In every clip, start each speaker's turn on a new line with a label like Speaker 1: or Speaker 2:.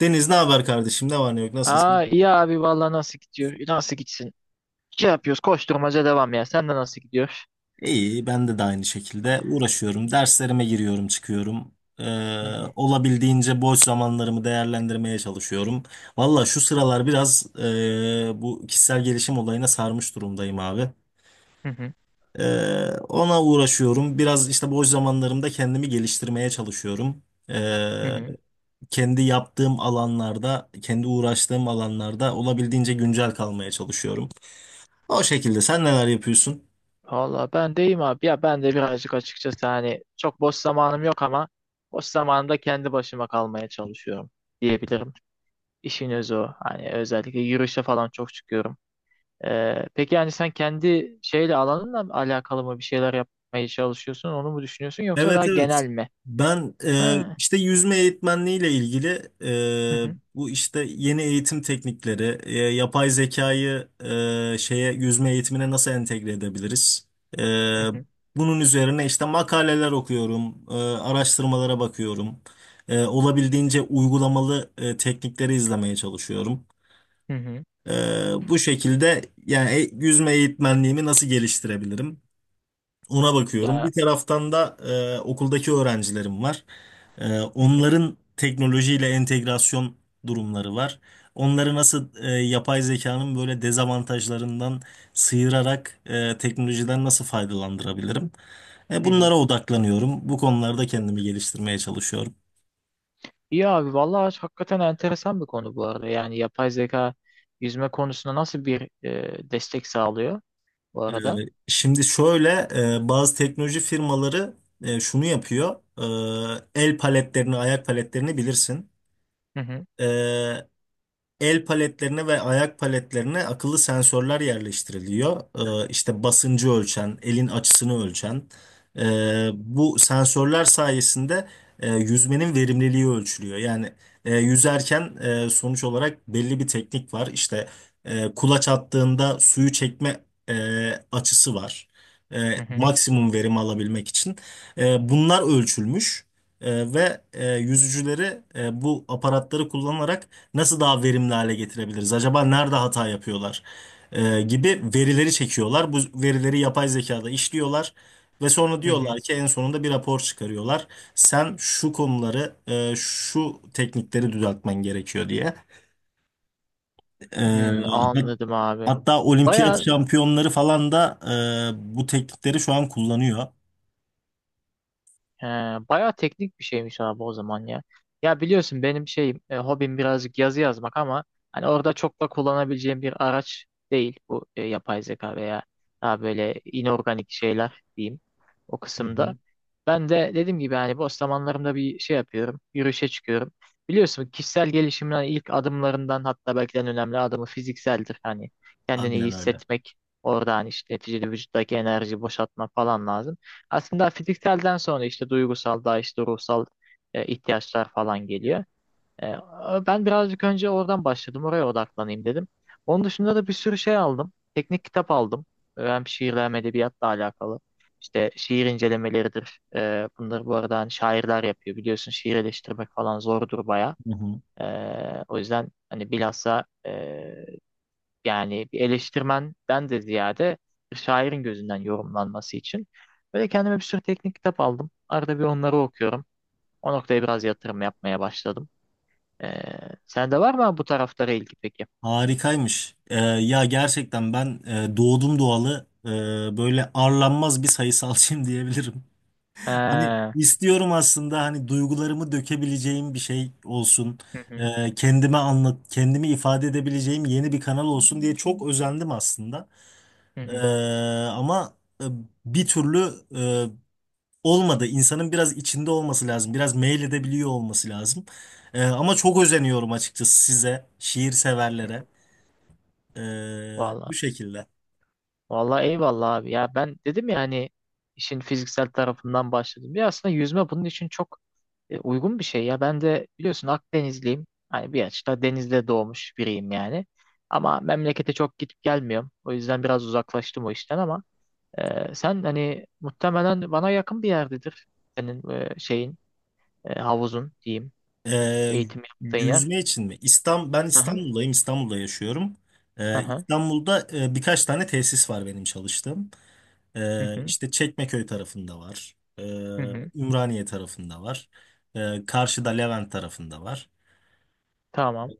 Speaker 1: Deniz ne haber kardeşim? Ne var ne yok?
Speaker 2: Aa,
Speaker 1: Nasılsın?
Speaker 2: iyi abi vallahi, nasıl gidiyor? Nasıl gitsin? Şey yapıyoruz, koşturmaca devam ya. Sen de nasıl gidiyor?
Speaker 1: İyi, ben de, aynı şekilde uğraşıyorum. Derslerime giriyorum, çıkıyorum. Ee,
Speaker 2: Hı hı
Speaker 1: Olabildiğince boş zamanlarımı değerlendirmeye çalışıyorum. Valla şu sıralar biraz bu kişisel gelişim olayına sarmış durumdayım abi.
Speaker 2: hı hı.
Speaker 1: Ona uğraşıyorum. Biraz işte boş zamanlarımda kendimi geliştirmeye çalışıyorum.
Speaker 2: Hı
Speaker 1: Ee,
Speaker 2: hı.
Speaker 1: Kendi yaptığım alanlarda, kendi uğraştığım alanlarda olabildiğince güncel kalmaya çalışıyorum. O şekilde sen neler yapıyorsun?
Speaker 2: Vallahi ben deyim abi ya, ben de birazcık açıkçası hani çok boş zamanım yok ama boş zamanımda kendi başıma kalmaya çalışıyorum diyebilirim. İşin özü o. Hani özellikle yürüyüşe falan çok çıkıyorum. Peki yani sen kendi şeyle alanınla mı alakalı mı bir şeyler yapmaya çalışıyorsun, onu mu düşünüyorsun, yoksa
Speaker 1: Evet,
Speaker 2: daha
Speaker 1: evet.
Speaker 2: genel mi?
Speaker 1: Ben
Speaker 2: Ha.
Speaker 1: işte yüzme eğitmenliğiyle ilgili
Speaker 2: Hı hı
Speaker 1: bu işte yeni eğitim teknikleri, yapay zekayı şeye yüzme eğitimine nasıl entegre edebiliriz? E,
Speaker 2: hı hı
Speaker 1: Bunun üzerine işte makaleler okuyorum, araştırmalara bakıyorum. Olabildiğince uygulamalı teknikleri izlemeye çalışıyorum.
Speaker 2: hı hı.
Speaker 1: E, Bu şekilde yani yüzme eğitmenliğimi nasıl geliştirebilirim? Ona bakıyorum.
Speaker 2: Ya
Speaker 1: Bir taraftan da okuldaki öğrencilerim var.
Speaker 2: hı hı
Speaker 1: Onların teknolojiyle entegrasyon durumları var. Onları nasıl yapay zekanın böyle dezavantajlarından sıyırarak teknolojiden nasıl faydalandırabilirim?
Speaker 2: hı hı.
Speaker 1: Bunlara odaklanıyorum. Bu konularda kendimi geliştirmeye çalışıyorum.
Speaker 2: İyi abi vallahi hakikaten enteresan bir konu bu arada. Yani yapay zeka yüzme konusunda nasıl bir destek sağlıyor bu
Speaker 1: E,
Speaker 2: arada?
Speaker 1: Şimdi şöyle, bazı teknoloji firmaları şunu yapıyor. E, el paletlerini, ayak paletlerini bilirsin.
Speaker 2: Hı hı
Speaker 1: E, El paletlerine ve ayak paletlerine akıllı sensörler yerleştiriliyor. İşte basıncı ölçen, elin açısını ölçen. Bu sensörler sayesinde yüzmenin verimliliği ölçülüyor. Yani yüzerken sonuç olarak belli bir teknik var. İşte kulaç attığında suyu çekme açısı var.
Speaker 2: hı hı.
Speaker 1: Maksimum verim alabilmek için. Bunlar ölçülmüş, ve yüzücüleri bu aparatları kullanarak nasıl daha verimli hale getirebiliriz? Acaba nerede hata yapıyorlar? Gibi verileri çekiyorlar. Bu verileri yapay zekada işliyorlar ve sonra
Speaker 2: Hı hı.
Speaker 1: diyorlar ki en sonunda bir rapor çıkarıyorlar. Sen şu konuları, şu teknikleri düzeltmen gerekiyor diye. Ee,
Speaker 2: Hmm,
Speaker 1: hat-
Speaker 2: anladım abi.
Speaker 1: hatta olimpiyat
Speaker 2: Baya.
Speaker 1: şampiyonları falan da bu teknikleri şu an kullanıyor.
Speaker 2: He, bayağı teknik bir şeymiş abi o zaman ya. Ya biliyorsun benim şeyim, hobim birazcık yazı yazmak ama hani orada çok da kullanabileceğim bir araç değil bu yapay zeka veya daha böyle inorganik şeyler diyeyim o
Speaker 1: Hı
Speaker 2: kısımda.
Speaker 1: hı.
Speaker 2: Ben de dediğim gibi hani boş zamanlarımda bir şey yapıyorum, yürüyüşe çıkıyorum. Biliyorsun kişisel gelişimin hani ilk adımlarından, hatta belki de en önemli adımı fizikseldir. Hani kendini iyi
Speaker 1: Aynen öyle.
Speaker 2: hissetmek, orada hani işte neticede vücuttaki enerjiyi boşaltmak falan lazım. Aslında fizikselden sonra işte duygusal, daha işte ruhsal ihtiyaçlar falan geliyor. E, Ben birazcık önce oradan başladım. Oraya odaklanayım dedim. Onun dışında da bir sürü şey aldım. Teknik kitap aldım. Hem şiirle hem edebiyatla alakalı. İşte şiir incelemeleridir. Bunları bu arada hani şairler yapıyor. Biliyorsun şiir eleştirmek falan zordur baya.
Speaker 1: Hı hı.
Speaker 2: E, O yüzden hani bilhassa yani bir eleştirmenden de ziyade bir şairin gözünden yorumlanması için. Böyle kendime bir sürü teknik kitap aldım. Arada bir onları okuyorum. O noktaya biraz yatırım yapmaya başladım. Ee, sende var mı bu taraflara ilgi peki?
Speaker 1: Harikaymış. Ya gerçekten ben doğdum doğalı böyle arlanmaz bir sayısalcıyım diyebilirim. Hani
Speaker 2: Hı
Speaker 1: istiyorum aslında hani duygularımı dökebileceğim bir şey olsun.
Speaker 2: hı,
Speaker 1: Kendime anlat, kendimi ifade edebileceğim yeni bir kanal olsun diye çok özendim aslında.
Speaker 2: hı
Speaker 1: Ee,
Speaker 2: hı.
Speaker 1: Ama e, bir türlü olmadı. İnsanın biraz içinde olması lazım. Biraz meyledebiliyor olması lazım. Ama çok özeniyorum açıkçası size, şiir severlere. Bu
Speaker 2: Vallahi.
Speaker 1: şekilde.
Speaker 2: Vallahi eyvallah abi. Ya ben dedim ya hani işin fiziksel tarafından başladım. Ya aslında yüzme bunun için çok uygun bir şey ya. Ben de biliyorsun Akdenizliyim. Hani bir açıda denizde doğmuş biriyim yani. Ama memlekete çok gidip gelmiyorum. O yüzden biraz uzaklaştım o işten ama sen hani muhtemelen bana yakın bir yerdedir. Senin şeyin, havuzun diyeyim.
Speaker 1: Ee,
Speaker 2: Eğitim yaptığın yer.
Speaker 1: Yüzme için mi? İstanbul, ben
Speaker 2: Hı hı
Speaker 1: İstanbul'dayım. İstanbul'da yaşıyorum.
Speaker 2: hı hı
Speaker 1: İstanbul'da birkaç tane tesis var benim çalıştığım.
Speaker 2: hı hı.
Speaker 1: İşte Çekmeköy tarafında var.
Speaker 2: Hı hı.
Speaker 1: Ümraniye tarafında var. Karşıda Levent tarafında var.
Speaker 2: Tamam.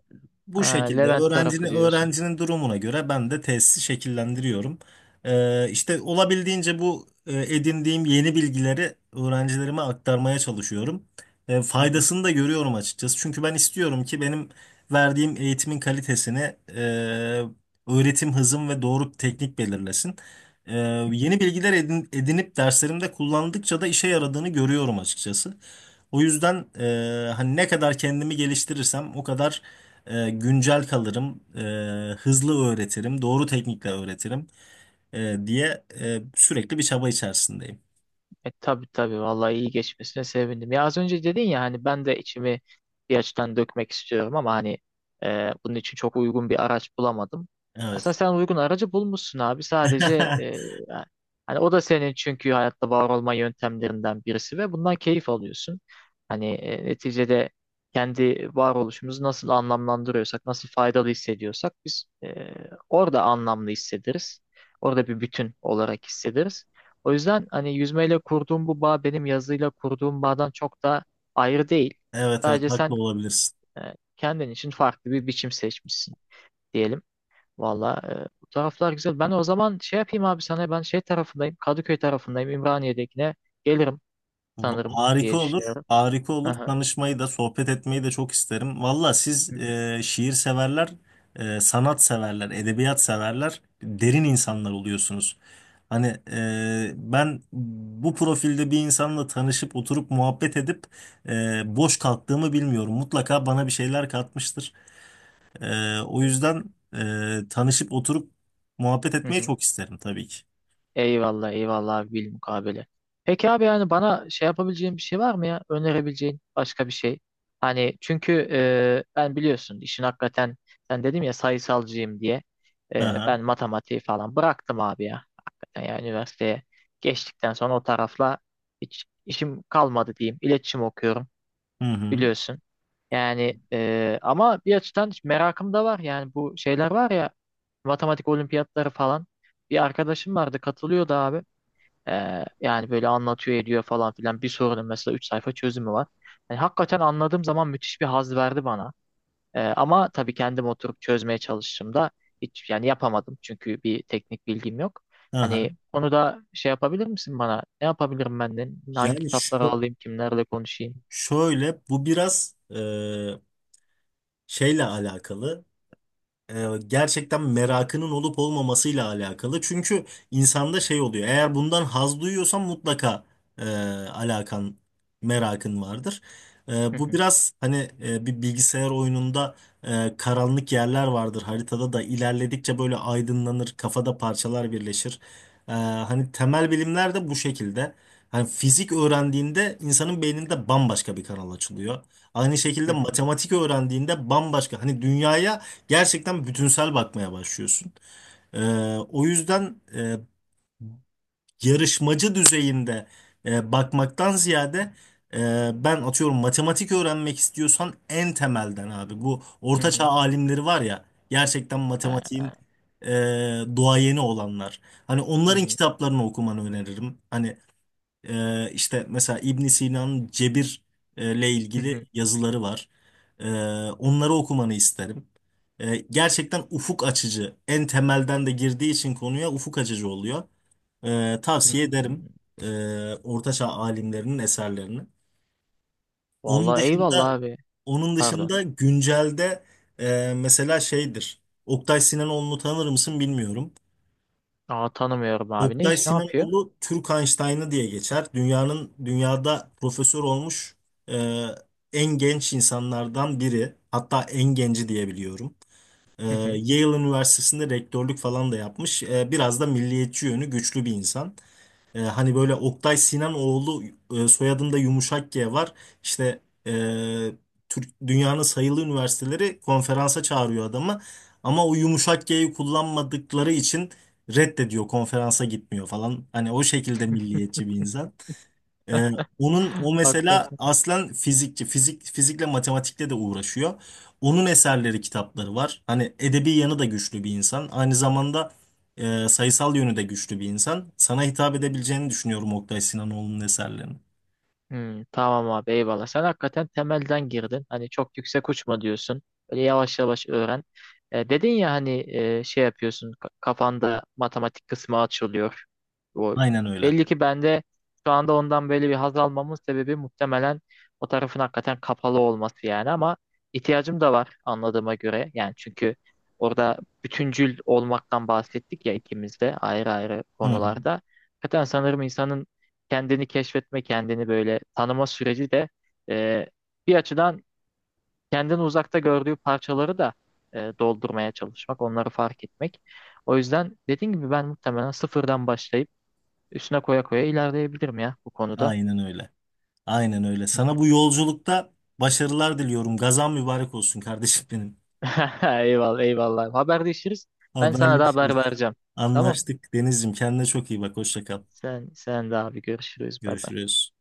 Speaker 2: Ha,
Speaker 1: Bu şekilde
Speaker 2: Levent tarafı
Speaker 1: öğrencinin
Speaker 2: diyorsun.
Speaker 1: öğrencinin durumuna göre ben de tesisi şekillendiriyorum. İşte olabildiğince bu edindiğim yeni bilgileri öğrencilerime aktarmaya çalışıyorum. Faydasını da görüyorum açıkçası. Çünkü ben istiyorum ki benim verdiğim eğitimin kalitesini öğretim hızım ve doğru teknik belirlesin. E, Yeni bilgiler edinip derslerimde kullandıkça da işe yaradığını görüyorum açıkçası. O yüzden hani ne kadar kendimi geliştirirsem o kadar güncel kalırım, hızlı öğretirim, doğru teknikle öğretirim diye sürekli bir çaba içerisindeyim.
Speaker 2: E tabii tabii, vallahi iyi geçmesine sevindim. Ya az önce dedin ya hani ben de içimi bir açıdan dökmek istiyorum ama hani bunun için çok uygun bir araç bulamadım.
Speaker 1: Evet.
Speaker 2: Aslında sen uygun aracı bulmuşsun abi. Sadece e, hani o da senin, çünkü hayatta var olma yöntemlerinden birisi ve bundan keyif alıyorsun. Hani neticede kendi varoluşumuzu nasıl anlamlandırıyorsak, nasıl faydalı hissediyorsak biz orada anlamlı hissederiz. Orada bir bütün olarak hissederiz. O yüzden hani yüzmeyle kurduğum bu bağ, benim yazıyla kurduğum bağdan çok da ayrı değil.
Speaker 1: Evet, evet,
Speaker 2: Sadece
Speaker 1: haklı
Speaker 2: sen
Speaker 1: olabilirsin.
Speaker 2: e, kendin için farklı bir biçim seçmişsin diyelim. Valla bu taraflar güzel. Ben o zaman şey yapayım abi, sana ben şey tarafındayım. Kadıköy tarafındayım. İmraniye'dekine gelirim sanırım
Speaker 1: Harika
Speaker 2: diye
Speaker 1: olur.
Speaker 2: düşünüyorum.
Speaker 1: Harika olur.
Speaker 2: Aha.
Speaker 1: Tanışmayı da, sohbet etmeyi de çok isterim. Valla
Speaker 2: Hı
Speaker 1: siz
Speaker 2: hı.
Speaker 1: şiir severler, sanat severler, edebiyat severler, derin insanlar oluyorsunuz. Hani ben bu profilde bir insanla tanışıp oturup muhabbet edip boş kalktığımı bilmiyorum. Mutlaka bana bir şeyler katmıştır. O
Speaker 2: E,
Speaker 1: yüzden tanışıp oturup muhabbet
Speaker 2: Hı
Speaker 1: etmeyi
Speaker 2: hı.
Speaker 1: çok isterim tabii ki.
Speaker 2: Eyvallah eyvallah abi, bilmukabele. Peki abi, yani bana şey yapabileceğin bir şey var mı ya? Önerebileceğin başka bir şey. Hani çünkü ben biliyorsun işin hakikaten, sen dedim ya sayısalcıyım diye.
Speaker 1: Aha,
Speaker 2: Ben matematiği falan bıraktım abi ya. Hakikaten ya üniversiteye geçtikten sonra o tarafla hiç işim kalmadı diyeyim. İletişim okuyorum
Speaker 1: hı hı,
Speaker 2: biliyorsun. Yani ama bir açıdan merakım da var. Yani bu şeyler var ya, matematik olimpiyatları falan. Bir arkadaşım vardı, katılıyordu abi. Yani böyle anlatıyor ediyor falan filan, bir sorunun mesela 3 sayfa çözümü var. Yani hakikaten anladığım zaman müthiş bir haz verdi bana. Ama tabii kendim oturup çözmeye çalıştığımda hiç yani yapamadım, çünkü bir teknik bilgim yok.
Speaker 1: aha.
Speaker 2: Hani onu da şey yapabilir misin bana? Ne yapabilirim ben de? Hangi
Speaker 1: Yani
Speaker 2: kitapları
Speaker 1: şu,
Speaker 2: alayım? Kimlerle konuşayım?
Speaker 1: şöyle bu biraz şeyle alakalı. Gerçekten merakının olup olmamasıyla alakalı. Çünkü insanda şey oluyor. Eğer bundan haz duyuyorsan mutlaka e, alakan, merakın vardır.
Speaker 2: Hı
Speaker 1: Bu
Speaker 2: hı,
Speaker 1: biraz hani bir bilgisayar oyununda karanlık yerler vardır. Haritada da ilerledikçe böyle aydınlanır, kafada parçalar birleşir. Hani temel bilimler de bu şekilde. Hani fizik öğrendiğinde insanın beyninde bambaşka bir kanal açılıyor. Aynı
Speaker 2: hı
Speaker 1: şekilde
Speaker 2: hı,
Speaker 1: matematik öğrendiğinde bambaşka. Hani dünyaya gerçekten bütünsel bakmaya başlıyorsun. Ee, O yüzden yarışmacı düzeyinde bakmaktan ziyade ben atıyorum matematik öğrenmek istiyorsan en temelden abi. Bu
Speaker 2: hı
Speaker 1: ortaçağ
Speaker 2: hı.
Speaker 1: alimleri var ya, gerçekten
Speaker 2: Ha,
Speaker 1: matematiğin e, duayeni olanlar. Hani
Speaker 2: hı
Speaker 1: onların
Speaker 2: hı,
Speaker 1: kitaplarını okumanı öneririm. Hani işte mesela İbn Sina'nın cebir ile
Speaker 2: hı
Speaker 1: ilgili
Speaker 2: hı,
Speaker 1: yazıları var. Ee, Onları okumanı isterim. Gerçekten ufuk açıcı. En temelden de girdiği için konuya ufuk açıcı oluyor.
Speaker 2: hı
Speaker 1: Tavsiye
Speaker 2: hı.
Speaker 1: ederim Ortaçağ alimlerinin eserlerini. Onun
Speaker 2: Vallahi eyvallah
Speaker 1: dışında
Speaker 2: abi.
Speaker 1: onun
Speaker 2: Pardon.
Speaker 1: dışında güncelde mesela şeydir. Oktay Sinanoğlu'nu tanır mısın bilmiyorum.
Speaker 2: Aa, tanımıyorum abi. Ne
Speaker 1: Oktay
Speaker 2: iş, ne yapıyor?
Speaker 1: Sinanoğlu Türk Einstein'ı diye geçer. Dünyada profesör olmuş e, en genç insanlardan biri. Hatta en genci diye biliyorum. E,
Speaker 2: Hı hı.
Speaker 1: Yale Üniversitesi'nde rektörlük falan da yapmış. E, biraz da milliyetçi yönü güçlü bir insan. Hani böyle Oktay Sinanoğlu soyadında yumuşak G var. İşte e, Türk, dünyanın sayılı üniversiteleri konferansa çağırıyor adamı. Ama o yumuşak G'yi kullanmadıkları için reddediyor, konferansa gitmiyor falan. Hani o şekilde milliyetçi bir insan. Ee, Onun o mesela
Speaker 2: Hakikaten.
Speaker 1: aslen fizikçi, fizikle matematikle de uğraşıyor. Onun eserleri, kitapları var. Hani edebi yanı da güçlü bir insan. Aynı zamanda sayısal yönü de güçlü bir insan. Sana hitap edebileceğini düşünüyorum Oktay Sinanoğlu'nun eserlerini.
Speaker 2: Hmm, tamam abi, eyvallah. Sen hakikaten temelden girdin. Hani çok yüksek uçma diyorsun. Böyle yavaş yavaş öğren. Dedin ya hani şey yapıyorsun, kafanda matematik kısmı açılıyor. O,
Speaker 1: Aynen öyle.
Speaker 2: belli ki bende şu anda ondan böyle bir haz almamın sebebi, muhtemelen o tarafın hakikaten kapalı olması yani. Ama ihtiyacım da var anladığıma göre. Yani çünkü orada bütüncül olmaktan bahsettik ya, ikimiz de ayrı ayrı
Speaker 1: Hı hı.
Speaker 2: konularda. Hakikaten sanırım insanın kendini keşfetme, kendini böyle tanıma süreci de e, bir açıdan kendini uzakta gördüğü parçaları da doldurmaya çalışmak, onları fark etmek. O yüzden dediğim gibi ben muhtemelen sıfırdan başlayıp üstüne koya koya ilerleyebilirim ya bu konuda.
Speaker 1: Aynen öyle. Aynen öyle. Sana bu yolculukta başarılar diliyorum. Gazan mübarek olsun kardeşim benim.
Speaker 2: Eyvallah, eyvallah. Haberleşiriz. Ben sana da haber
Speaker 1: Haberleşiriz.
Speaker 2: vereceğim. Tamam.
Speaker 1: Anlaştık Deniz'ciğim. Kendine çok iyi bak. Hoşça kal.
Speaker 2: Sen de abi, görüşürüz. Bay bay.
Speaker 1: Görüşürüz.